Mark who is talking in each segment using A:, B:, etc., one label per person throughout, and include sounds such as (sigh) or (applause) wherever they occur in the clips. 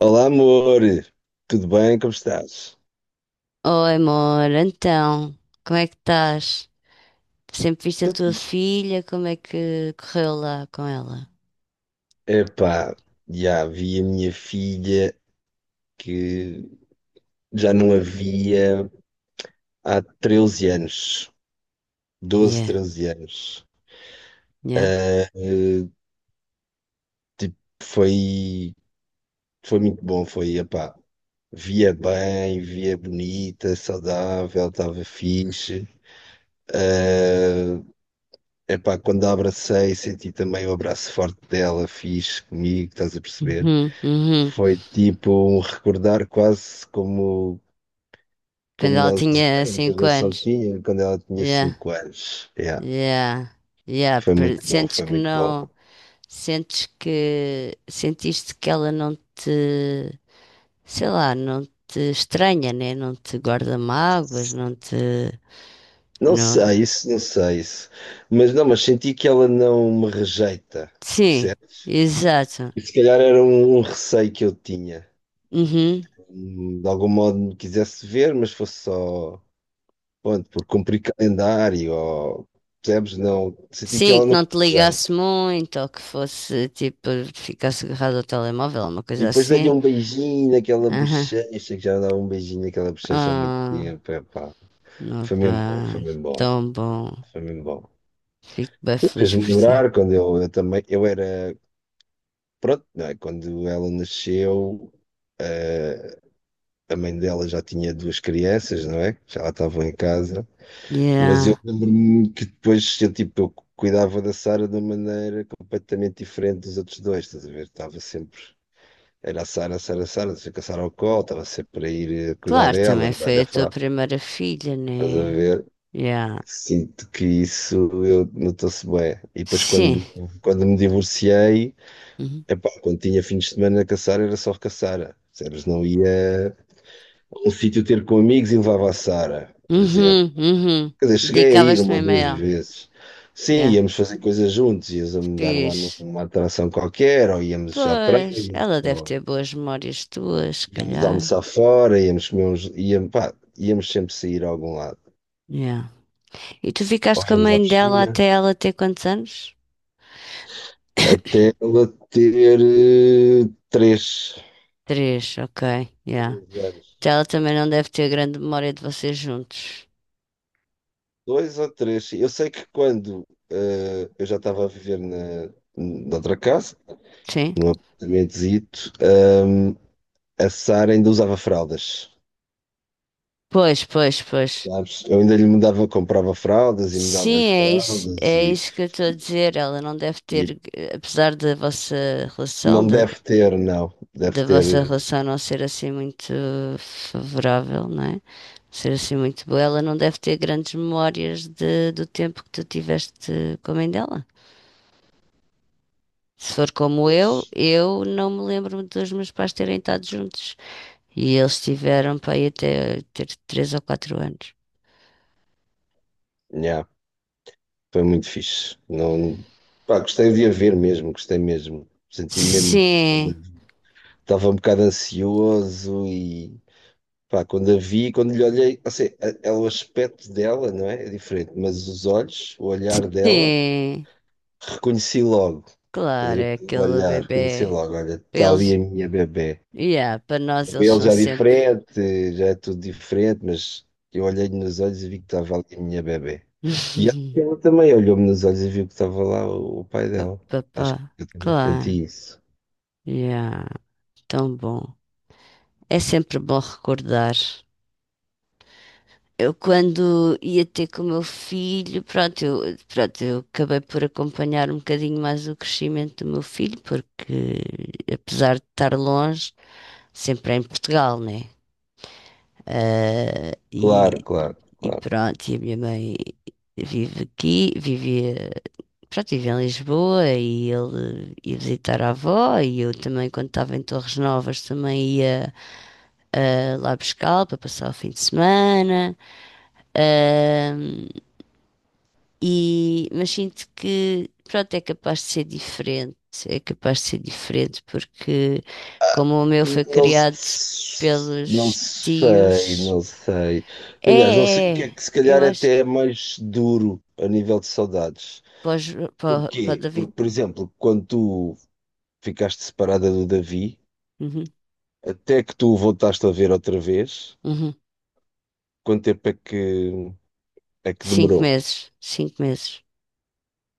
A: Olá, amor. Tudo bem? Como estás?
B: Oi, amor, então, como é que estás? Sempre viste a
A: Estou
B: tua
A: fixe.
B: filha, como é que correu lá com ela?
A: Epá, já vi a minha filha que já não a via há 13 anos. Doze,
B: Yeah,
A: 13 anos.
B: yeah.
A: Tipo, foi, foi muito bom. Foi, epá, via bem, via bonita, saudável, estava fixe. Epá, quando a abracei, senti também o abraço forte dela, fixe comigo, estás a perceber?
B: Uhum, uhum.
A: Foi tipo um recordar, quase como
B: Quando
A: como
B: ela
A: nós
B: tinha
A: éramos, a
B: 5 anos.
A: Gonçalves quando ela tinha
B: Yeah,
A: 5 anos. Yeah.
B: yeah, yeah.
A: Foi muito bom,
B: Sentes
A: foi
B: que
A: muito bom.
B: não. Sentes que. Sentiste que ela não te. Sei lá, não te estranha, né? Não te guarda mágoas, não te.
A: Não
B: Não.
A: sei isso, não sei isso. Mas não, mas senti que ela não me rejeita,
B: Sim,
A: percebes?
B: exato.
A: E se calhar era um receio que eu tinha.
B: Uhum.
A: De algum modo me quisesse ver, mas fosse só, pronto, por cumprir calendário, ou, percebes? Não, senti que
B: Sim,
A: ela
B: que
A: não me
B: não te ligasse
A: rejeita.
B: muito, ou que fosse tipo, ficasse agarrado ao telemóvel, uma
A: E
B: coisa
A: depois dei-lhe
B: assim.
A: um beijinho naquela
B: Aham.
A: bochecha, que já não dava um beijinho naquela bochecha há muito
B: Ah,
A: tempo, epá.
B: não
A: Foi mesmo bom, foi
B: pá,
A: mesmo bom,
B: tão bom.
A: foi mesmo bom.
B: Fico bem feliz
A: Fez-me
B: por ti.
A: lembrar quando eu também, eu era, pronto, não é? Quando ela nasceu, a mãe dela já tinha duas crianças, não é? Já lá estavam em casa, mas
B: Yeah.
A: eu lembro-me que depois eu, tipo, eu cuidava da Sara de uma maneira completamente diferente dos outros dois, estás a ver? Estava sempre, era a Sara, a Sara, a Sara, deixa que a Sara ao colo, estava sempre a ir cuidar
B: Claro,
A: dela,
B: também
A: andar-lhe
B: foi
A: a
B: a tua
A: fralda,
B: primeira filha, né?
A: ver.
B: Yeah.
A: Sinto que isso eu notou-se bem. E depois
B: Sim.
A: quando, me divorciei,
B: Uhum,
A: epá, quando tinha fins de semana a caçar, era só caçar. Sabes, não ia a um sítio ter com amigos e levava a Sara, por exemplo.
B: uhum. Uhum.
A: Quer dizer, cheguei a ir
B: Dedicavas-te
A: uma ou
B: mesmo a
A: duas
B: ela.
A: vezes. Sim,
B: Yeah.
A: íamos fazer coisas juntos, íamos dar lá
B: Fiz.
A: numa atração qualquer, ou íamos à
B: Pois,
A: praia,
B: ela deve
A: ou
B: ter boas memórias tuas, se
A: íamos
B: calhar.
A: almoçar fora, íamos comer uns, íamos, pá, íamos sempre sair a algum lado.
B: Yeah. E tu
A: Ou
B: ficaste com a
A: íamos à
B: mãe dela
A: piscina,
B: até ela ter quantos anos? (coughs)
A: até ela ter três
B: Três, ok, yeah.
A: anos.
B: Então ela também não deve ter grande memória de vocês juntos.
A: Dois ou três. Sim. Eu sei que quando eu já estava a viver na outra casa,
B: Sim?
A: num apartamentozito, a Sara ainda usava fraldas.
B: Pois, pois, pois.
A: Sabes? Eu ainda lhe mudava, comprava fraldas e
B: Sim,
A: mudava-lhe fraldas
B: é
A: e,
B: isso que eu estou a dizer. Ela não deve
A: e
B: ter, apesar da vossa relação,
A: não
B: da,
A: deve ter, não. Deve
B: da vossa
A: ter.
B: relação não ser assim muito favorável, não é? Ser assim muito boa, ela não deve ter grandes memórias do tempo que tu tiveste com a mãe dela. Se for como
A: Mas,
B: eu não me lembro dos meus pais terem estado juntos. E eles tiveram para aí até ter 3 ou 4 anos.
A: nhá, foi muito fixe. Não, pá, gostei de a ver mesmo, gostei mesmo. Senti mesmo.
B: Sim,
A: Estava um bocado ansioso e pá, quando a vi, quando lhe olhei, ou seja, é o aspecto dela, não é? É diferente, mas os olhos, o olhar dela,
B: sim,
A: reconheci logo. Estás a
B: claro,
A: ver?
B: é
A: Pelo
B: aquele
A: olhar, reconheci
B: bebê.
A: logo, olha,
B: Para
A: está ali
B: Eles,
A: a minha bebé.
B: yeah, para nós eles
A: Ele
B: são
A: já é
B: sempre.
A: diferente, já é tudo diferente, mas eu olhei-lhe nos olhos e vi que estava ali a minha bebé. E acho que
B: (laughs)
A: ela também olhou-me nos olhos e viu que estava lá o pai dela. Acho que
B: Papá,
A: eu também
B: claro,
A: senti isso.
B: yeah, tão bom. É sempre bom recordar. Eu quando ia ter com o meu filho, pronto, eu acabei por acompanhar um bocadinho mais o crescimento do meu filho, porque apesar de estar longe, sempre é em Portugal, né? Ah, e,
A: Claro, claro,
B: e
A: claro.
B: pronto, e a minha mãe vive aqui, vivia, pronto, vive em Lisboa e ele ia visitar a avó e eu também quando estava em Torres Novas também ia ah, lá buscá-lo para passar o fim de semana. Ah, mas sinto que, pronto, é capaz de ser diferente, porque como o meu foi
A: Não,
B: criado
A: não
B: pelos
A: sei,
B: tios,
A: não sei. Aliás, não sei o
B: é,
A: que
B: é,
A: é que se
B: eu
A: calhar
B: acho
A: até
B: que
A: é mais duro a nível de saudades.
B: para, os- para, para o
A: Porquê?
B: David,
A: Porque, por exemplo, quando tu ficaste separada do Davi,
B: uhum,
A: até que tu o voltaste a ver outra vez,
B: uhum.
A: quanto tempo é que
B: Cinco
A: demorou?
B: meses, 5 meses.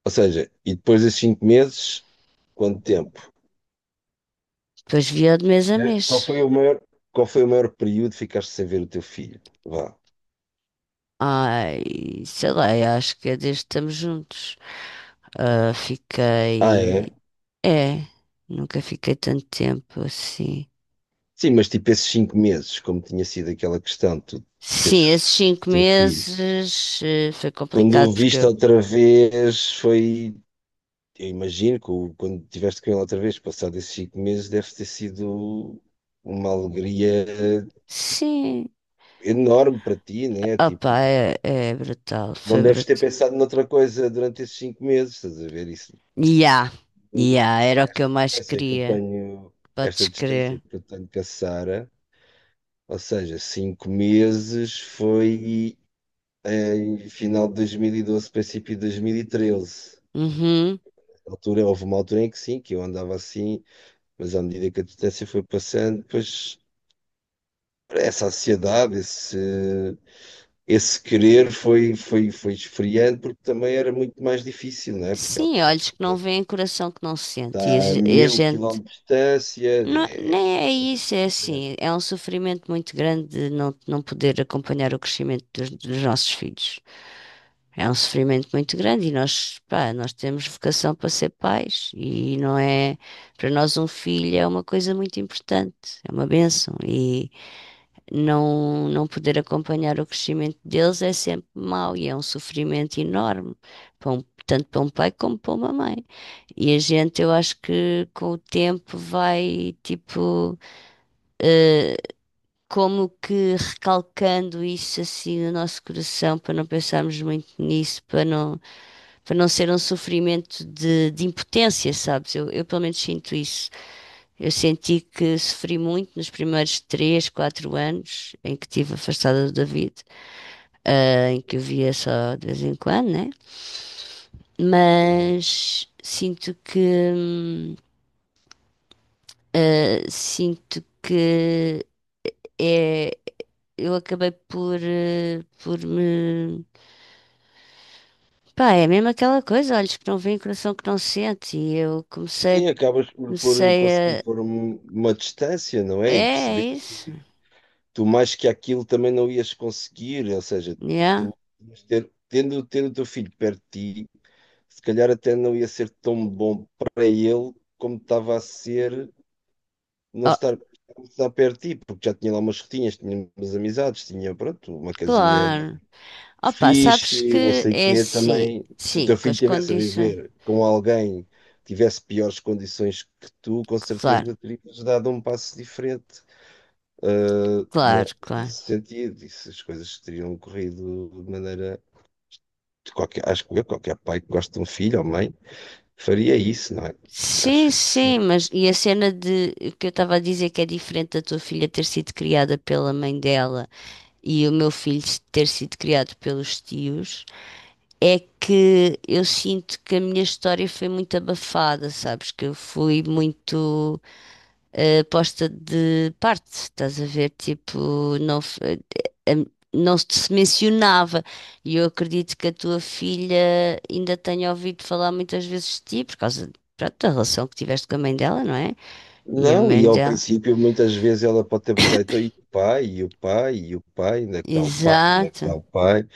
A: Ou seja, e depois desses 5 meses, quanto tempo?
B: Depois via de mês a mês.
A: Qual foi o maior, qual foi o maior período que ficaste sem ver o teu filho? Vá.
B: Ai, sei lá, eu acho que é desde que estamos juntos. Ah,
A: Ah, é?
B: é, nunca fiquei tanto tempo assim.
A: Sim, mas tipo esses 5 meses, como tinha sido aquela questão de tu
B: Sim,
A: teres
B: esses cinco
A: teu filho,
B: meses foi
A: quando
B: complicado
A: o
B: porque
A: viste
B: eu.
A: outra vez foi, eu imagino que quando tiveste com ele outra vez, passado esses 5 meses, deve ter sido uma alegria
B: Sim,
A: enorme para ti, né? Tipo,
B: opa, é brutal,
A: não
B: foi
A: deves ter
B: brutal.
A: pensado noutra coisa durante esses 5 meses, estás a ver isso?
B: Ya, ya, era o que eu
A: Esta
B: mais
A: distância que eu
B: queria,
A: tenho, esta
B: podes
A: distância
B: crer.
A: que eu tenho com a Sara, ou seja, 5 meses foi. Em final de 2012, princípio de 2013.
B: Uhum.
A: Na altura, houve uma altura em que sim, que eu andava assim, mas à medida que a distância foi passando, depois essa ansiedade, esse querer foi esfriando, porque também era muito mais difícil, não é? Porque ela
B: Sim,
A: está,
B: olhos que não veem, coração que não sente.
A: está a
B: E a
A: mil
B: gente.
A: quilómetros de distância,
B: Não,
A: é
B: nem é isso,
A: completamente
B: é
A: diferente.
B: assim. É um sofrimento muito grande de não poder acompanhar o crescimento dos nossos filhos. É um sofrimento muito grande e nós, pá, nós temos vocação para ser pais e não é, para nós um filho é uma coisa muito importante, é uma bênção e não poder acompanhar o crescimento deles é sempre mau e é um sofrimento enorme, tanto para um pai como para uma mãe. E a gente, eu acho que com o tempo vai, tipo, como que recalcando isso assim no nosso coração para não pensarmos muito nisso, para não ser um sofrimento de impotência, sabes? Eu pelo menos sinto isso. Eu senti que sofri muito nos primeiros 3, 4 anos em que estive afastada do David, ah, em que eu via só de vez em quando, né?
A: Uhum.
B: Mas sinto que sinto que é, eu acabei por, por me. Pá, é mesmo aquela coisa, olhos que não veem, coração que não sente. E eu comecei,
A: Sim, acabas por conseguir
B: comecei a,
A: pôr uma distância, não
B: é
A: é? E
B: é
A: perceber
B: isso,
A: tu mais que aquilo também não ias conseguir, ou seja,
B: yeah.
A: tu ias ter, tendo o teu filho perto de ti, se calhar até não ia ser tão bom para ele como estava a ser não
B: Oh,
A: estar, estar perto de ti, porque já tinha lá umas rotinhas, tinha umas amizades, tinha, pronto, uma casinha
B: claro. Opa, sabes
A: fixe, não
B: que
A: sei o
B: é
A: quê,
B: assim,
A: também, se o
B: sim,
A: teu
B: com
A: filho
B: as
A: estivesse a
B: condições.
A: viver com alguém, que tivesse piores condições que tu, com
B: Claro,
A: certeza terias dado um passo diferente, né,
B: claro, claro.
A: nesse sentido, e se as coisas teriam corrido de maneira. De qualquer- acho que eu, qualquer pai que gosta de um filho ou mãe, faria isso, não é?
B: Sim,
A: Acho que sim.
B: sim, mas e a cena de que eu estava a dizer que é diferente da tua filha ter sido criada pela mãe dela e o meu filho ter sido criado pelos tios, é que eu sinto que a minha história foi muito abafada, sabes? Que eu fui muito posta de parte, estás a ver? Tipo, não, eh, não se mencionava. E eu acredito que a tua filha ainda tenha ouvido falar muitas vezes de ti, por causa pronto, da relação que tiveste com a mãe dela, não é? E a
A: Não, e
B: mãe
A: ao
B: dela.
A: princípio muitas vezes ela pode ter perguntado, então, e o pai, e o pai, e o pai, onde é que está o pai, onde é que
B: Exato.
A: está o pai?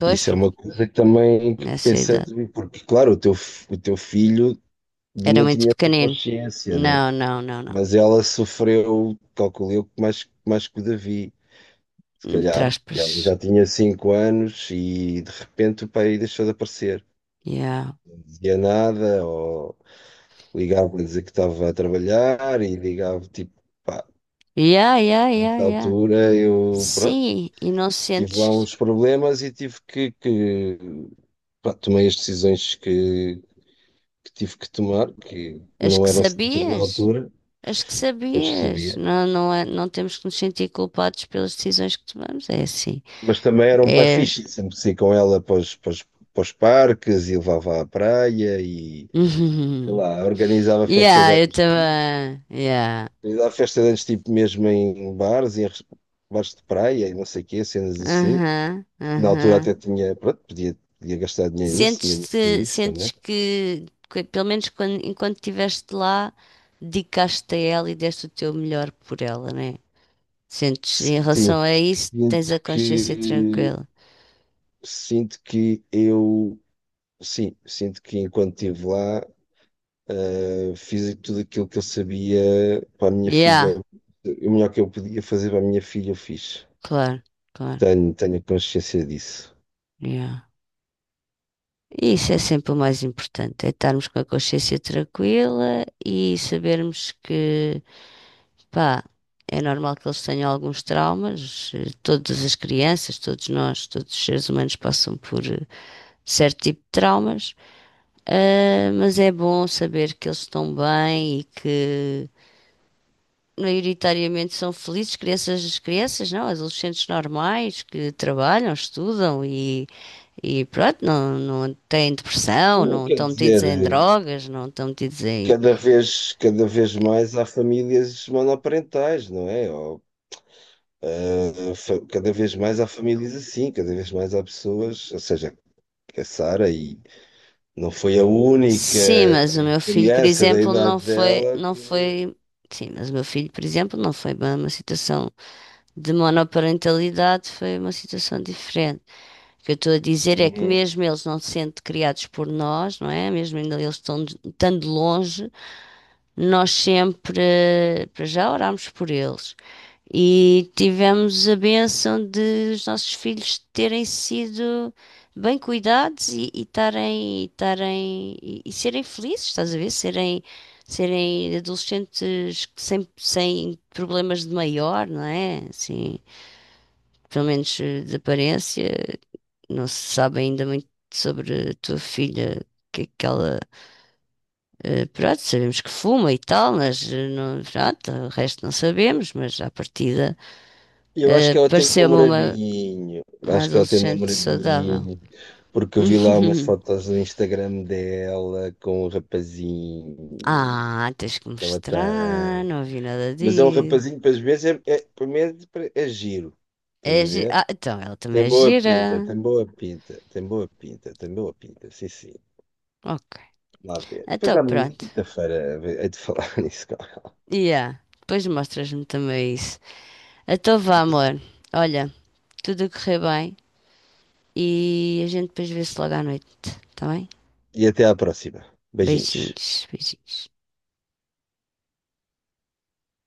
B: Pois,
A: Isso é
B: porque
A: uma coisa que também que
B: nessa idade
A: pensando, porque claro, o teu, o teu filho
B: era
A: não
B: muito
A: tinha essa
B: pequenino.
A: consciência, né?
B: Não, não, não, não.
A: Mas ela sofreu, calculo eu, mais, mais que o Davi. Se
B: Entre
A: calhar, que
B: aspas.
A: ela já tinha 5 anos e de repente o pai deixou de aparecer.
B: Yeah.
A: Não dizia nada, ou ligava para dizer que estava a trabalhar e ligava, tipo, pá,
B: Yeah, yeah, yeah,
A: nessa
B: yeah.
A: altura eu, pronto,
B: Sim, e não
A: tive lá
B: sentes
A: uns problemas e tive que, pá, tomei as decisões que tive que tomar, que
B: as
A: não
B: que
A: eram certas na
B: sabias?
A: altura,
B: Acho que
A: depois que
B: sabias.
A: sabia.
B: Não, não é, não temos que nos sentir culpados pelas decisões que tomamos. É assim.
A: Mas também era um pai
B: É.
A: fixe, sempre saí com ela para os, para os parques e levava à praia e sei
B: (laughs)
A: lá, organizava festa
B: Yeah,
A: de
B: eu
A: anos, fixe,
B: também. Yeah.
A: organizava festa de anos tipo mesmo em bares, em bares de praia e não sei o quê, cenas assim.
B: Aham,
A: Na altura
B: aham.
A: até tinha, pronto, podia gastar dinheiro nisso, tinha dinheiro com
B: Sentes-te,
A: isso
B: sentes
A: também.
B: pelo menos quando, enquanto estiveste lá, dedicaste-te a ela e deste o teu melhor por ela, né? Sentes, em
A: Sim,
B: relação a isso, tens
A: sinto
B: a consciência
A: que,
B: tranquila.
A: sinto que eu, sim, sinto que enquanto estive lá, fiz tudo aquilo que eu sabia para a minha filha,
B: Yeah,
A: o melhor que eu podia fazer para a minha filha, eu fiz.
B: claro, claro.
A: Tenho consciência disso.
B: Yeah. E isso é sempre o mais importante, é estarmos com a consciência tranquila e sabermos que, pá, é normal que eles tenham alguns traumas, todas as crianças, todos nós, todos os seres humanos passam por certo tipo de traumas, ah, mas é bom saber que eles estão bem e que maioritariamente são felizes, crianças, crianças não, adolescentes normais que trabalham, estudam e pronto, não, não têm depressão,
A: Não
B: não
A: quer
B: estão metidos
A: dizer.
B: em drogas, não estão metidos em...
A: Cada vez mais há famílias monoparentais, não é? Ou, cada vez mais há famílias assim, cada vez mais há pessoas, ou seja, a Sara e não foi a única
B: Sim, mas o meu filho, por
A: criança da
B: exemplo, não
A: idade
B: foi,
A: dela
B: não
A: que.
B: foi... Sim, mas o meu filho, por exemplo, não foi bem uma situação de monoparentalidade, foi uma situação diferente. O que eu estou a dizer é que
A: Uhum.
B: mesmo eles não se sentem criados por nós, não é? Mesmo ainda eles estão estando longe, nós sempre, para já, orámos por eles e tivemos a bênção de os nossos filhos terem sido bem cuidados e estarem e serem felizes, estás a ver? Serem adolescentes sem problemas de maior, não é? Assim, pelo menos de aparência, não se sabe ainda muito sobre a tua filha, o que é que ela pronto, sabemos que fuma e tal, mas não, pronto, o resto não sabemos, mas à partida,
A: Eu acho que ela teve um
B: pareceu-me uma,
A: namoradinho,
B: uma
A: acho que ela teve um
B: adolescente saudável.
A: namoradinho, porque eu vi
B: (laughs)
A: lá umas fotos no Instagram dela com o rapazinho
B: Ah, tens que
A: que ela
B: mostrar,
A: tem.
B: não vi nada
A: Mas é um
B: disso.
A: rapazinho, para as vezes, é, é, pelo menos é giro. Estás a ver?
B: Ah, então ela também
A: Tem
B: é
A: boa
B: gira.
A: pinta, tem boa pinta, tem boa pinta, tem boa pinta. Sim, sim.
B: Ok.
A: Vamos lá ver. Depois,
B: Então
A: à
B: pronto.
A: quinta-feira, é de falar (laughs) nisso. Cara.
B: Yeah. Depois mostras-me também isso. Então vá, amor. Olha, tudo a correr bem e a gente depois vê-se logo à noite, tá bem?
A: E até à próxima. Beijinhos.
B: Beijinhos, beijinhos.